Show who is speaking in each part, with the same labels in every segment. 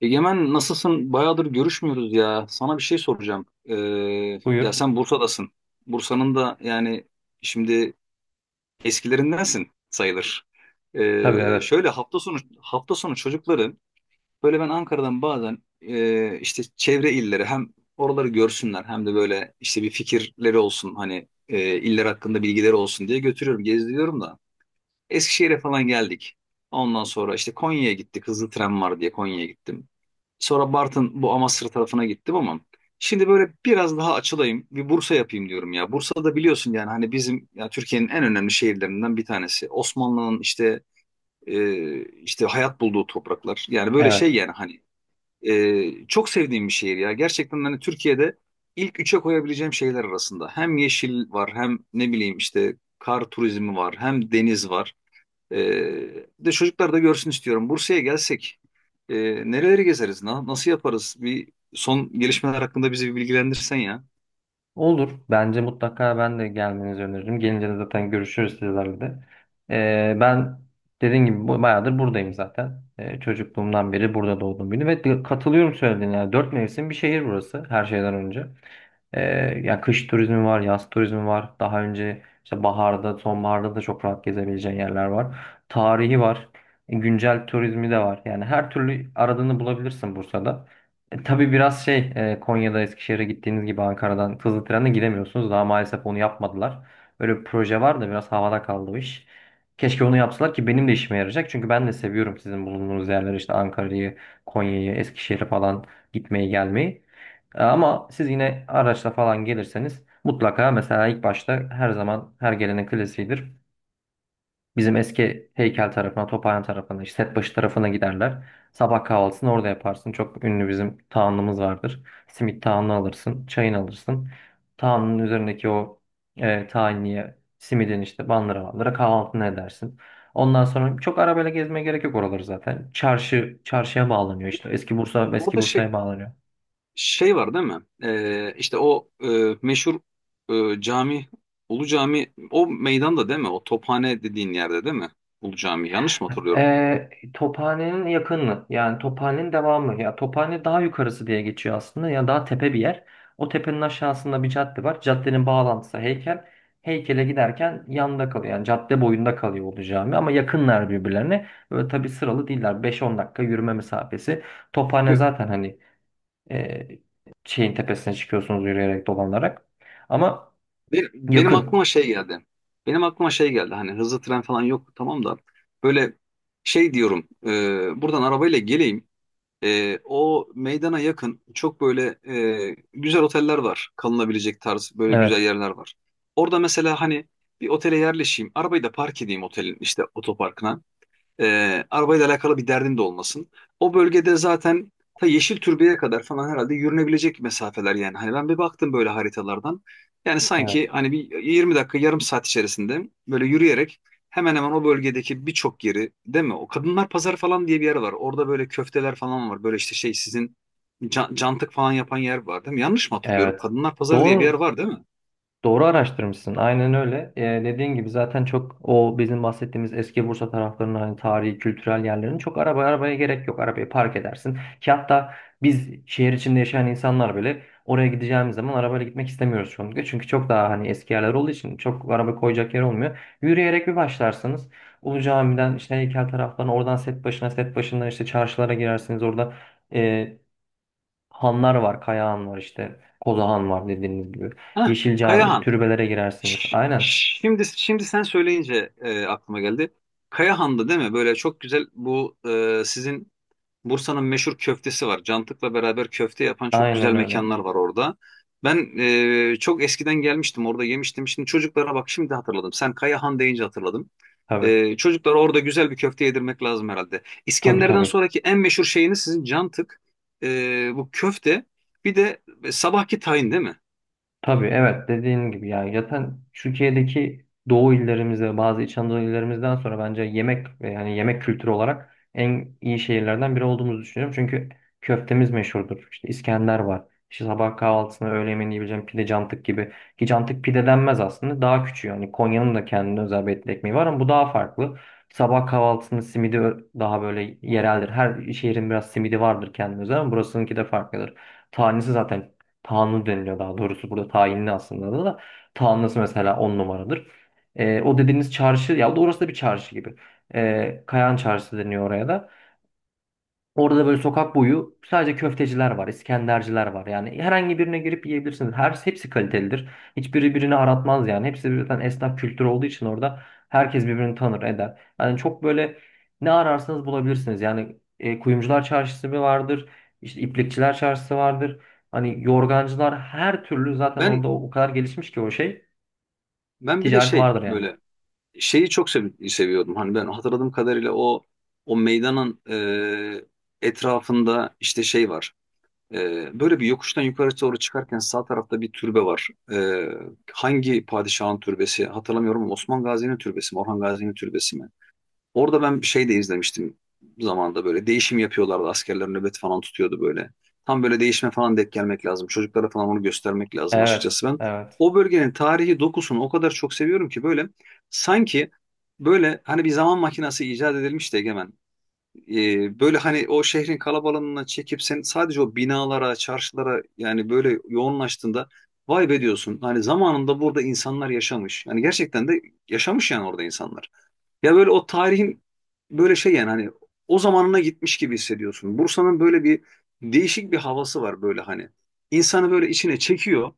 Speaker 1: Egemen nasılsın? Bayağıdır görüşmüyoruz ya. Sana bir şey soracağım. Ya
Speaker 2: Buyur.
Speaker 1: sen Bursa'dasın. Bursa'nın da şimdi eskilerindensin sayılır.
Speaker 2: Tabii evet.
Speaker 1: Şöyle hafta sonu hafta sonu çocukları böyle ben Ankara'dan bazen işte çevre illeri hem oraları görsünler hem de böyle işte bir fikirleri olsun hani iller hakkında bilgileri olsun diye götürüyorum, gezdiriyorum da. Eskişehir'e falan geldik. Ondan sonra işte Konya'ya gittik. Hızlı tren var diye Konya'ya gittim. Sonra Bartın, bu Amasra tarafına gittim ama şimdi böyle biraz daha açılayım. Bir Bursa yapayım diyorum ya. Bursa'da biliyorsun yani hani bizim, ya Türkiye'nin en önemli şehirlerinden bir tanesi. Osmanlı'nın işte hayat bulduğu topraklar. Yani böyle şey
Speaker 2: Evet.
Speaker 1: yani hani çok sevdiğim bir şehir ya. Gerçekten hani Türkiye'de ilk üçe koyabileceğim şehirler arasında. Hem yeşil var, hem ne bileyim işte kar turizmi var, hem deniz var. De çocuklar da görsün istiyorum. Bursa'ya gelsek e, nereleri gezeriz? Nasıl yaparız? Bir son gelişmeler hakkında bizi bir bilgilendirsen ya.
Speaker 2: Olur. Bence mutlaka ben de gelmenizi öneririm. Gelince de zaten görüşürüz sizlerle de. Ben dediğim gibi bayağıdır buradayım zaten. Çocukluğumdan beri burada doğdum büyüdüm. Ve katılıyorum söylediğine. Yani dört mevsim bir şehir burası her şeyden önce. Ya kış turizmi var, yaz turizmi var. Daha önce işte baharda, sonbaharda da çok rahat gezebileceğin yerler var. Tarihi var. Güncel turizmi de var. Yani her türlü aradığını bulabilirsin Bursa'da. Tabii biraz şey Konya'da Eskişehir'e gittiğiniz gibi Ankara'dan hızlı trenle gidemiyorsunuz. Daha maalesef onu yapmadılar. Öyle bir proje var da biraz havada kaldı o iş. Keşke onu yapsalar ki benim de işime yarayacak. Çünkü ben de seviyorum sizin bulunduğunuz yerleri işte Ankara'yı, Konya'yı, Eskişehir'i falan gitmeyi gelmeyi. Ama siz yine araçla falan gelirseniz mutlaka mesela ilk başta her zaman her gelenin klasiğidir. Bizim eski heykel tarafına, Tophane'nin tarafına, işte Setbaşı tarafına giderler. Sabah kahvaltısını orada yaparsın. Çok ünlü bizim tahanlımız vardır. Simit tahanını alırsın, çayını alırsın. Tahanının üzerindeki o tahinliye, simidin işte bandıra bandıra kahvaltını edersin. Ondan sonra çok arabayla gezmeye gerek yok oraları zaten. Çarşı, çarşıya bağlanıyor işte. Eski Bursa, eski
Speaker 1: Orada şey
Speaker 2: Bursa'ya bağlanıyor.
Speaker 1: şey var değil mi? İşte o meşhur cami, Ulu Cami, o meydanda değil mi? O Tophane dediğin yerde değil mi? Ulu Cami. Yanlış mı hatırlıyorum?
Speaker 2: Tophane'nin yakını yani Tophane'nin devamı ya Tophane daha yukarısı diye geçiyor aslında ya daha tepe bir yer. O tepenin aşağısında bir cadde var. Caddenin bağlantısı heykel. Heykele giderken yanında kalıyor. Yani cadde boyunda kalıyor oldu cami ama yakınlar birbirlerine. Böyle tabii sıralı değiller. Beş on dakika yürüme mesafesi. Tophane
Speaker 1: Be-
Speaker 2: zaten hani e, şeyin tepesine çıkıyorsunuz yürüyerek dolanarak. Ama
Speaker 1: Benim
Speaker 2: yakın.
Speaker 1: aklıma şey geldi. Benim aklıma şey geldi. Hani hızlı tren falan yok tamam da böyle şey diyorum. Buradan arabayla geleyim. O meydana yakın çok böyle güzel oteller var. Kalınabilecek tarz böyle güzel
Speaker 2: Evet.
Speaker 1: yerler var. Orada mesela hani bir otele yerleşeyim. Arabayı da park edeyim otelin işte otoparkına. E, arabayla alakalı bir derdin de olmasın. O bölgede zaten ta Yeşil Türbe'ye kadar falan herhalde yürünebilecek mesafeler yani. Hani ben bir baktım böyle haritalardan. Yani sanki
Speaker 2: Evet.
Speaker 1: hani bir 20 dakika, yarım saat içerisinde böyle yürüyerek hemen hemen o bölgedeki birçok yeri, değil mi? O Kadınlar Pazarı falan diye bir yer var. Orada böyle köfteler falan var. Böyle işte şey sizin cantık falan yapan yer var değil mi? Yanlış mı hatırlıyorum?
Speaker 2: Evet.
Speaker 1: Kadınlar Pazarı diye bir yer
Speaker 2: Doğru
Speaker 1: var değil mi?
Speaker 2: Doğru araştırmışsın. Aynen öyle. Dediğin gibi zaten çok o bizim bahsettiğimiz eski Bursa taraflarının hani tarihi, kültürel yerlerin çok araba arabaya gerek yok. Arabayı park edersin. Ki hatta biz şehir içinde yaşayan insanlar bile oraya gideceğimiz zaman arabayla gitmek istemiyoruz çoğunlukla. Çünkü çok daha hani eski yerler olduğu için çok araba koyacak yer olmuyor. Yürüyerek bir başlarsınız. Ulu Cami'den işte heykel taraftan oradan set başına set başından işte çarşılara girersiniz. Orada Hanlar var, Kaya Han var işte. Koza Han var dediğiniz gibi.
Speaker 1: Heh,
Speaker 2: Yeşil Cami,
Speaker 1: Kayahan.
Speaker 2: türbelere girersiniz. Aynen.
Speaker 1: Şimdi sen söyleyince aklıma geldi. Kayahan'da değil mi? Böyle çok güzel bu sizin Bursa'nın meşhur köftesi var. Cantık'la beraber köfte yapan çok güzel
Speaker 2: Aynen öyle.
Speaker 1: mekanlar var orada. Ben çok eskiden gelmiştim, orada yemiştim. Şimdi çocuklara, bak şimdi hatırladım. Sen Kayahan deyince hatırladım.
Speaker 2: Tabii.
Speaker 1: E, çocuklara orada güzel bir köfte yedirmek lazım herhalde.
Speaker 2: Tabii
Speaker 1: İskender'den
Speaker 2: tabii.
Speaker 1: sonraki en meşhur şeyiniz sizin Cantık. E, bu köfte bir de sabahki tayin değil mi?
Speaker 2: Tabii evet dediğin gibi ya zaten Türkiye'deki Doğu illerimize bazı İç Anadolu illerimizden sonra bence yemek yani yemek kültürü olarak en iyi şehirlerden biri olduğumuzu düşünüyorum. Çünkü köftemiz meşhurdur. İşte İskender var. İşte sabah kahvaltısına öğle yemeğini yiyebileceğim pide cantık gibi. Ki cantık pide denmez aslında. Daha küçüğü. Yani Konya'nın da kendine özel etli ekmeği var ama bu daha farklı. Sabah kahvaltısının simidi daha böyle yereldir. Her şehrin biraz simidi vardır kendine özel ama burasınınki de farklıdır. Tanesi zaten Tanrı deniliyor daha doğrusu burada tayinli aslında da. Tanrısı mesela on numaradır. O dediğiniz çarşı ya orası da bir çarşı gibi. Kayan Çarşısı deniyor oraya da. Orada da böyle sokak boyu sadece köfteciler var, İskenderciler var. Yani herhangi birine girip yiyebilirsiniz. Her hepsi kalitelidir. Hiçbiri birini aratmaz yani. Hepsi birden esnaf kültürü olduğu için orada herkes birbirini tanır, eder. Yani çok böyle ne ararsanız bulabilirsiniz. Yani kuyumcular çarşısı bir vardır. İşte iplikçiler çarşısı vardır. Hani yorgancılar her türlü zaten
Speaker 1: Ben
Speaker 2: orada o kadar gelişmiş ki o şey
Speaker 1: ben bir de
Speaker 2: ticareti
Speaker 1: şey
Speaker 2: vardır yani.
Speaker 1: böyle şeyi çok seviyordum. Hani ben hatırladığım kadarıyla o meydanın etrafında işte şey var. E, böyle bir yokuştan yukarı doğru çıkarken sağ tarafta bir türbe var. E, hangi padişahın türbesi hatırlamıyorum ama Osman Gazi'nin türbesi mi, Orhan Gazi'nin türbesi mi? Orada ben şey de izlemiştim, zamanda böyle değişim yapıyorlardı. Askerler nöbet falan tutuyordu böyle. Tam böyle değişime falan denk gelmek lazım. Çocuklara falan onu göstermek lazım
Speaker 2: Evet,
Speaker 1: açıkçası ben.
Speaker 2: evet.
Speaker 1: O bölgenin tarihi dokusunu o kadar çok seviyorum ki böyle sanki böyle hani bir zaman makinesi icat edilmiş de, Egemen. Böyle hani o şehrin kalabalığına çekip sen sadece o binalara, çarşılara yani böyle yoğunlaştığında, vay be diyorsun. Hani zamanında burada insanlar yaşamış. Yani gerçekten de yaşamış yani orada insanlar. Ya böyle o tarihin böyle şey yani hani o zamanına gitmiş gibi hissediyorsun. Bursa'nın böyle bir değişik bir havası var böyle hani. İnsanı böyle içine çekiyor.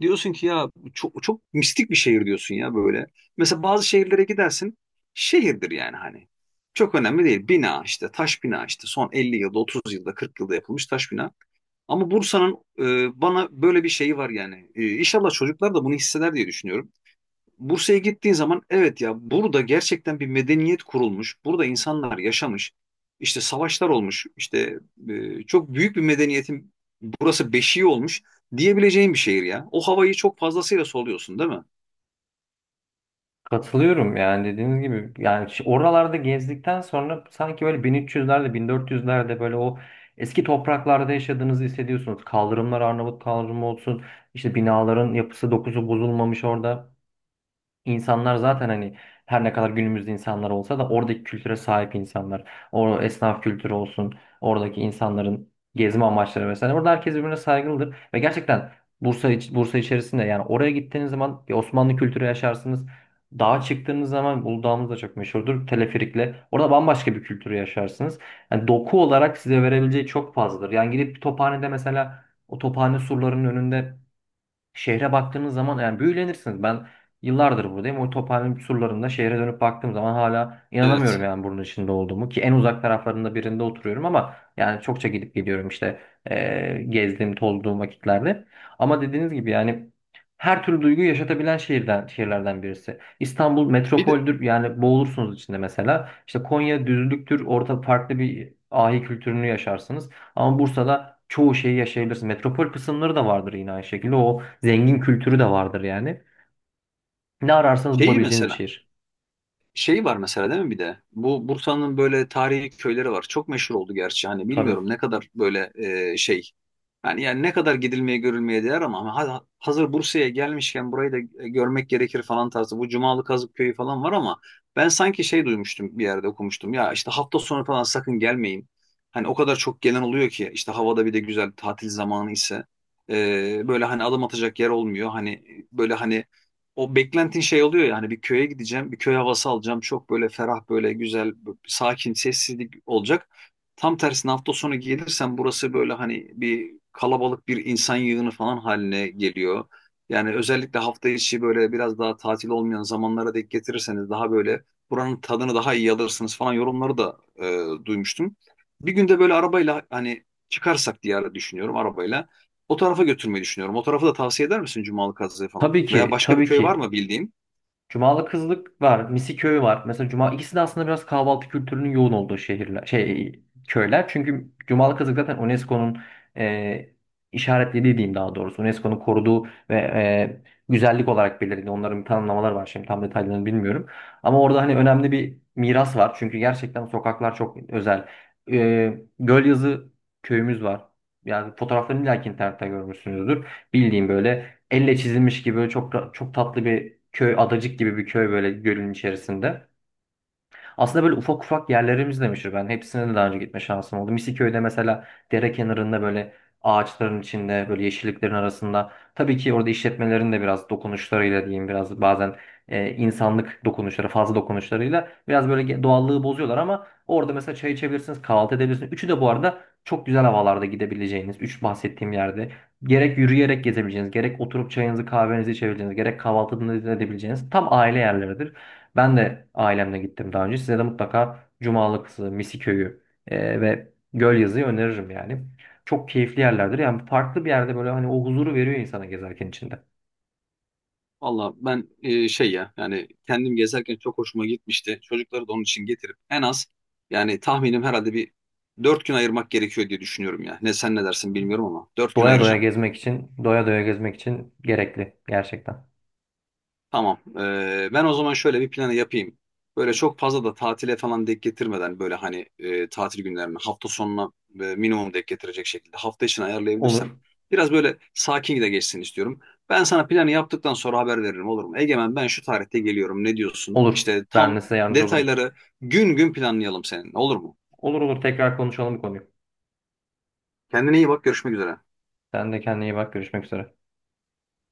Speaker 1: Diyorsun ki ya bu çok çok mistik bir şehir, diyorsun ya böyle. Mesela bazı şehirlere gidersin. Şehirdir yani hani. Çok önemli değil. Bina işte taş bina, işte son 50 yılda, 30 yılda, 40 yılda yapılmış taş bina. Ama Bursa'nın bana böyle bir şeyi var yani. E, İnşallah çocuklar da bunu hisseder diye düşünüyorum. Bursa'ya gittiğin zaman, evet ya, burada gerçekten bir medeniyet kurulmuş. Burada insanlar yaşamış. İşte savaşlar olmuş. İşte çok büyük bir medeniyetin burası beşiği olmuş diyebileceğin bir şehir ya. O havayı çok fazlasıyla soluyorsun değil mi?
Speaker 2: Katılıyorum yani dediğiniz gibi yani oralarda gezdikten sonra sanki böyle 1300'lerde 1400'lerde böyle o eski topraklarda yaşadığınızı hissediyorsunuz. Kaldırımlar Arnavut kaldırımı olsun işte binaların yapısı dokusu bozulmamış orada. İnsanlar zaten hani her ne kadar günümüzde insanlar olsa da oradaki kültüre sahip insanlar. O esnaf kültürü olsun, oradaki insanların gezme amaçları vesaire. Orada herkes birbirine saygılıdır ve gerçekten Bursa içerisinde yani oraya gittiğiniz zaman bir Osmanlı kültürü yaşarsınız. Dağa çıktığınız zaman Uludağ'ımız da çok meşhurdur. Teleferikle. Orada bambaşka bir kültürü yaşarsınız. Yani doku olarak size verebileceği çok fazladır. Yani gidip bir tophanede mesela o tophane surlarının önünde şehre baktığınız zaman yani büyülenirsiniz. Ben yıllardır buradayım. O Tophane'nin surlarında şehre dönüp baktığım zaman hala inanamıyorum
Speaker 1: Evet.
Speaker 2: yani bunun içinde olduğumu. Ki en uzak taraflarında birinde oturuyorum ama yani çokça gidip geliyorum işte gezdiğim, tolduğum vakitlerde. Ama dediğiniz gibi yani her türlü duyguyu yaşatabilen şehirden, şehirlerden birisi. İstanbul
Speaker 1: Bir de
Speaker 2: metropoldür yani boğulursunuz içinde mesela. İşte Konya düzlüktür orada farklı bir ahi kültürünü yaşarsınız. Ama Bursa'da çoğu şeyi yaşayabilirsin. Metropol kısımları da vardır yine aynı şekilde. O zengin kültürü de vardır yani. Ne ararsanız
Speaker 1: şeyi
Speaker 2: bulabileceğiniz bir
Speaker 1: mesela
Speaker 2: şehir.
Speaker 1: şey var mesela değil mi bir de? Bu Bursa'nın böyle tarihi köyleri var. Çok meşhur oldu gerçi. Hani
Speaker 2: Tabii.
Speaker 1: bilmiyorum ne kadar böyle şey. Yani ne kadar gidilmeye, görülmeye değer ama hazır Bursa'ya gelmişken burayı da görmek gerekir falan tarzı. Bu Cumalı Kazık Köyü falan var ama ben sanki şey duymuştum, bir yerde okumuştum. Ya işte hafta sonu falan sakın gelmeyin. Hani o kadar çok gelen oluyor ki işte havada, bir de güzel tatil zamanı ise böyle hani adım atacak yer olmuyor. Hani böyle hani o beklentin şey oluyor yani bir köye gideceğim, bir köy havası alacağım. Çok böyle ferah, böyle güzel, sakin, sessizlik olacak. Tam tersine hafta sonu gelirsen burası böyle hani bir kalabalık, bir insan yığını falan haline geliyor. Yani özellikle hafta içi böyle biraz daha tatil olmayan zamanlara denk getirirseniz daha böyle buranın tadını daha iyi alırsınız falan yorumları da duymuştum. Bir günde böyle arabayla hani çıkarsak diye düşünüyorum arabayla. O tarafa götürmeyi düşünüyorum. O tarafı da tavsiye eder misin, Cumalı Kazı'yı falan?
Speaker 2: Tabii
Speaker 1: Veya
Speaker 2: ki,
Speaker 1: başka bir
Speaker 2: tabii
Speaker 1: köy var
Speaker 2: ki
Speaker 1: mı bildiğin?
Speaker 2: Cumalı Kızlık var, Misiköy var. Mesela Cuma ikisi de aslında biraz kahvaltı kültürünün yoğun olduğu şehirler, şey köyler. Çünkü Cumalı Kızlık zaten UNESCO'nun e, işaretlediği diyeyim daha doğrusu. UNESCO'nun koruduğu ve güzellik olarak belirlediği onların bir tanımlamaları var. Şimdi tam detaylarını bilmiyorum. Ama orada hani önemli bir miras var. Çünkü gerçekten sokaklar çok özel. Gölyazı köyümüz var. Yani fotoğraflarını illa internette görmüşsünüzdür. Bildiğim böyle elle çizilmiş gibi böyle çok çok tatlı bir köy, adacık gibi bir köy böyle gölün içerisinde. Aslında böyle ufak ufak yerlerimiz de meşhur. Ben hepsine de daha önce gitme şansım oldu. Misiköy'de mesela dere kenarında böyle ağaçların içinde böyle yeşilliklerin arasında. Tabii ki orada işletmelerin de biraz dokunuşlarıyla diyeyim biraz bazen insanlık dokunuşları fazla dokunuşlarıyla biraz böyle doğallığı bozuyorlar ama orada mesela çay içebilirsiniz kahvaltı edebilirsiniz. Üçü de bu arada çok güzel havalarda gidebileceğiniz üç bahsettiğim yerde. Gerek yürüyerek gezebileceğiniz, gerek oturup çayınızı kahvenizi içebileceğiniz, gerek kahvaltı edebileceğiniz tam aile yerleridir. Ben de ailemle gittim daha önce. Size de mutlaka Cumalıksı, Misiköy'ü ve Gölyazı'yı öneririm yani. Çok keyifli yerlerdir. Yani farklı bir yerde böyle hani o huzuru veriyor insana gezerken içinde.
Speaker 1: Valla ben şey ya, yani kendim gezerken çok hoşuma gitmişti. Çocukları da onun için getirip en az yani tahminim herhalde bir dört gün ayırmak gerekiyor diye düşünüyorum ya. Ne, sen ne dersin bilmiyorum ama dört gün ayıracağım.
Speaker 2: Doya doya gezmek için gerekli gerçekten.
Speaker 1: Tamam. Ben o zaman şöyle bir planı yapayım. Böyle çok fazla da tatile falan denk getirmeden böyle hani tatil günlerine, hafta sonuna minimum denk getirecek şekilde hafta içine ayarlayabilirsem
Speaker 2: Olur,
Speaker 1: biraz böyle sakin de geçsin istiyorum. Ben sana planı yaptıktan sonra haber veririm, olur mu? Egemen, ben şu tarihte geliyorum, ne diyorsun?
Speaker 2: olur.
Speaker 1: İşte
Speaker 2: Ben de
Speaker 1: tam
Speaker 2: size yardımcı olurum.
Speaker 1: detayları gün gün planlayalım seninle, olur mu?
Speaker 2: Olur olur tekrar konuşalım bu konuyu.
Speaker 1: Kendine iyi bak, görüşmek üzere.
Speaker 2: Sen de kendine iyi bak. Görüşmek üzere.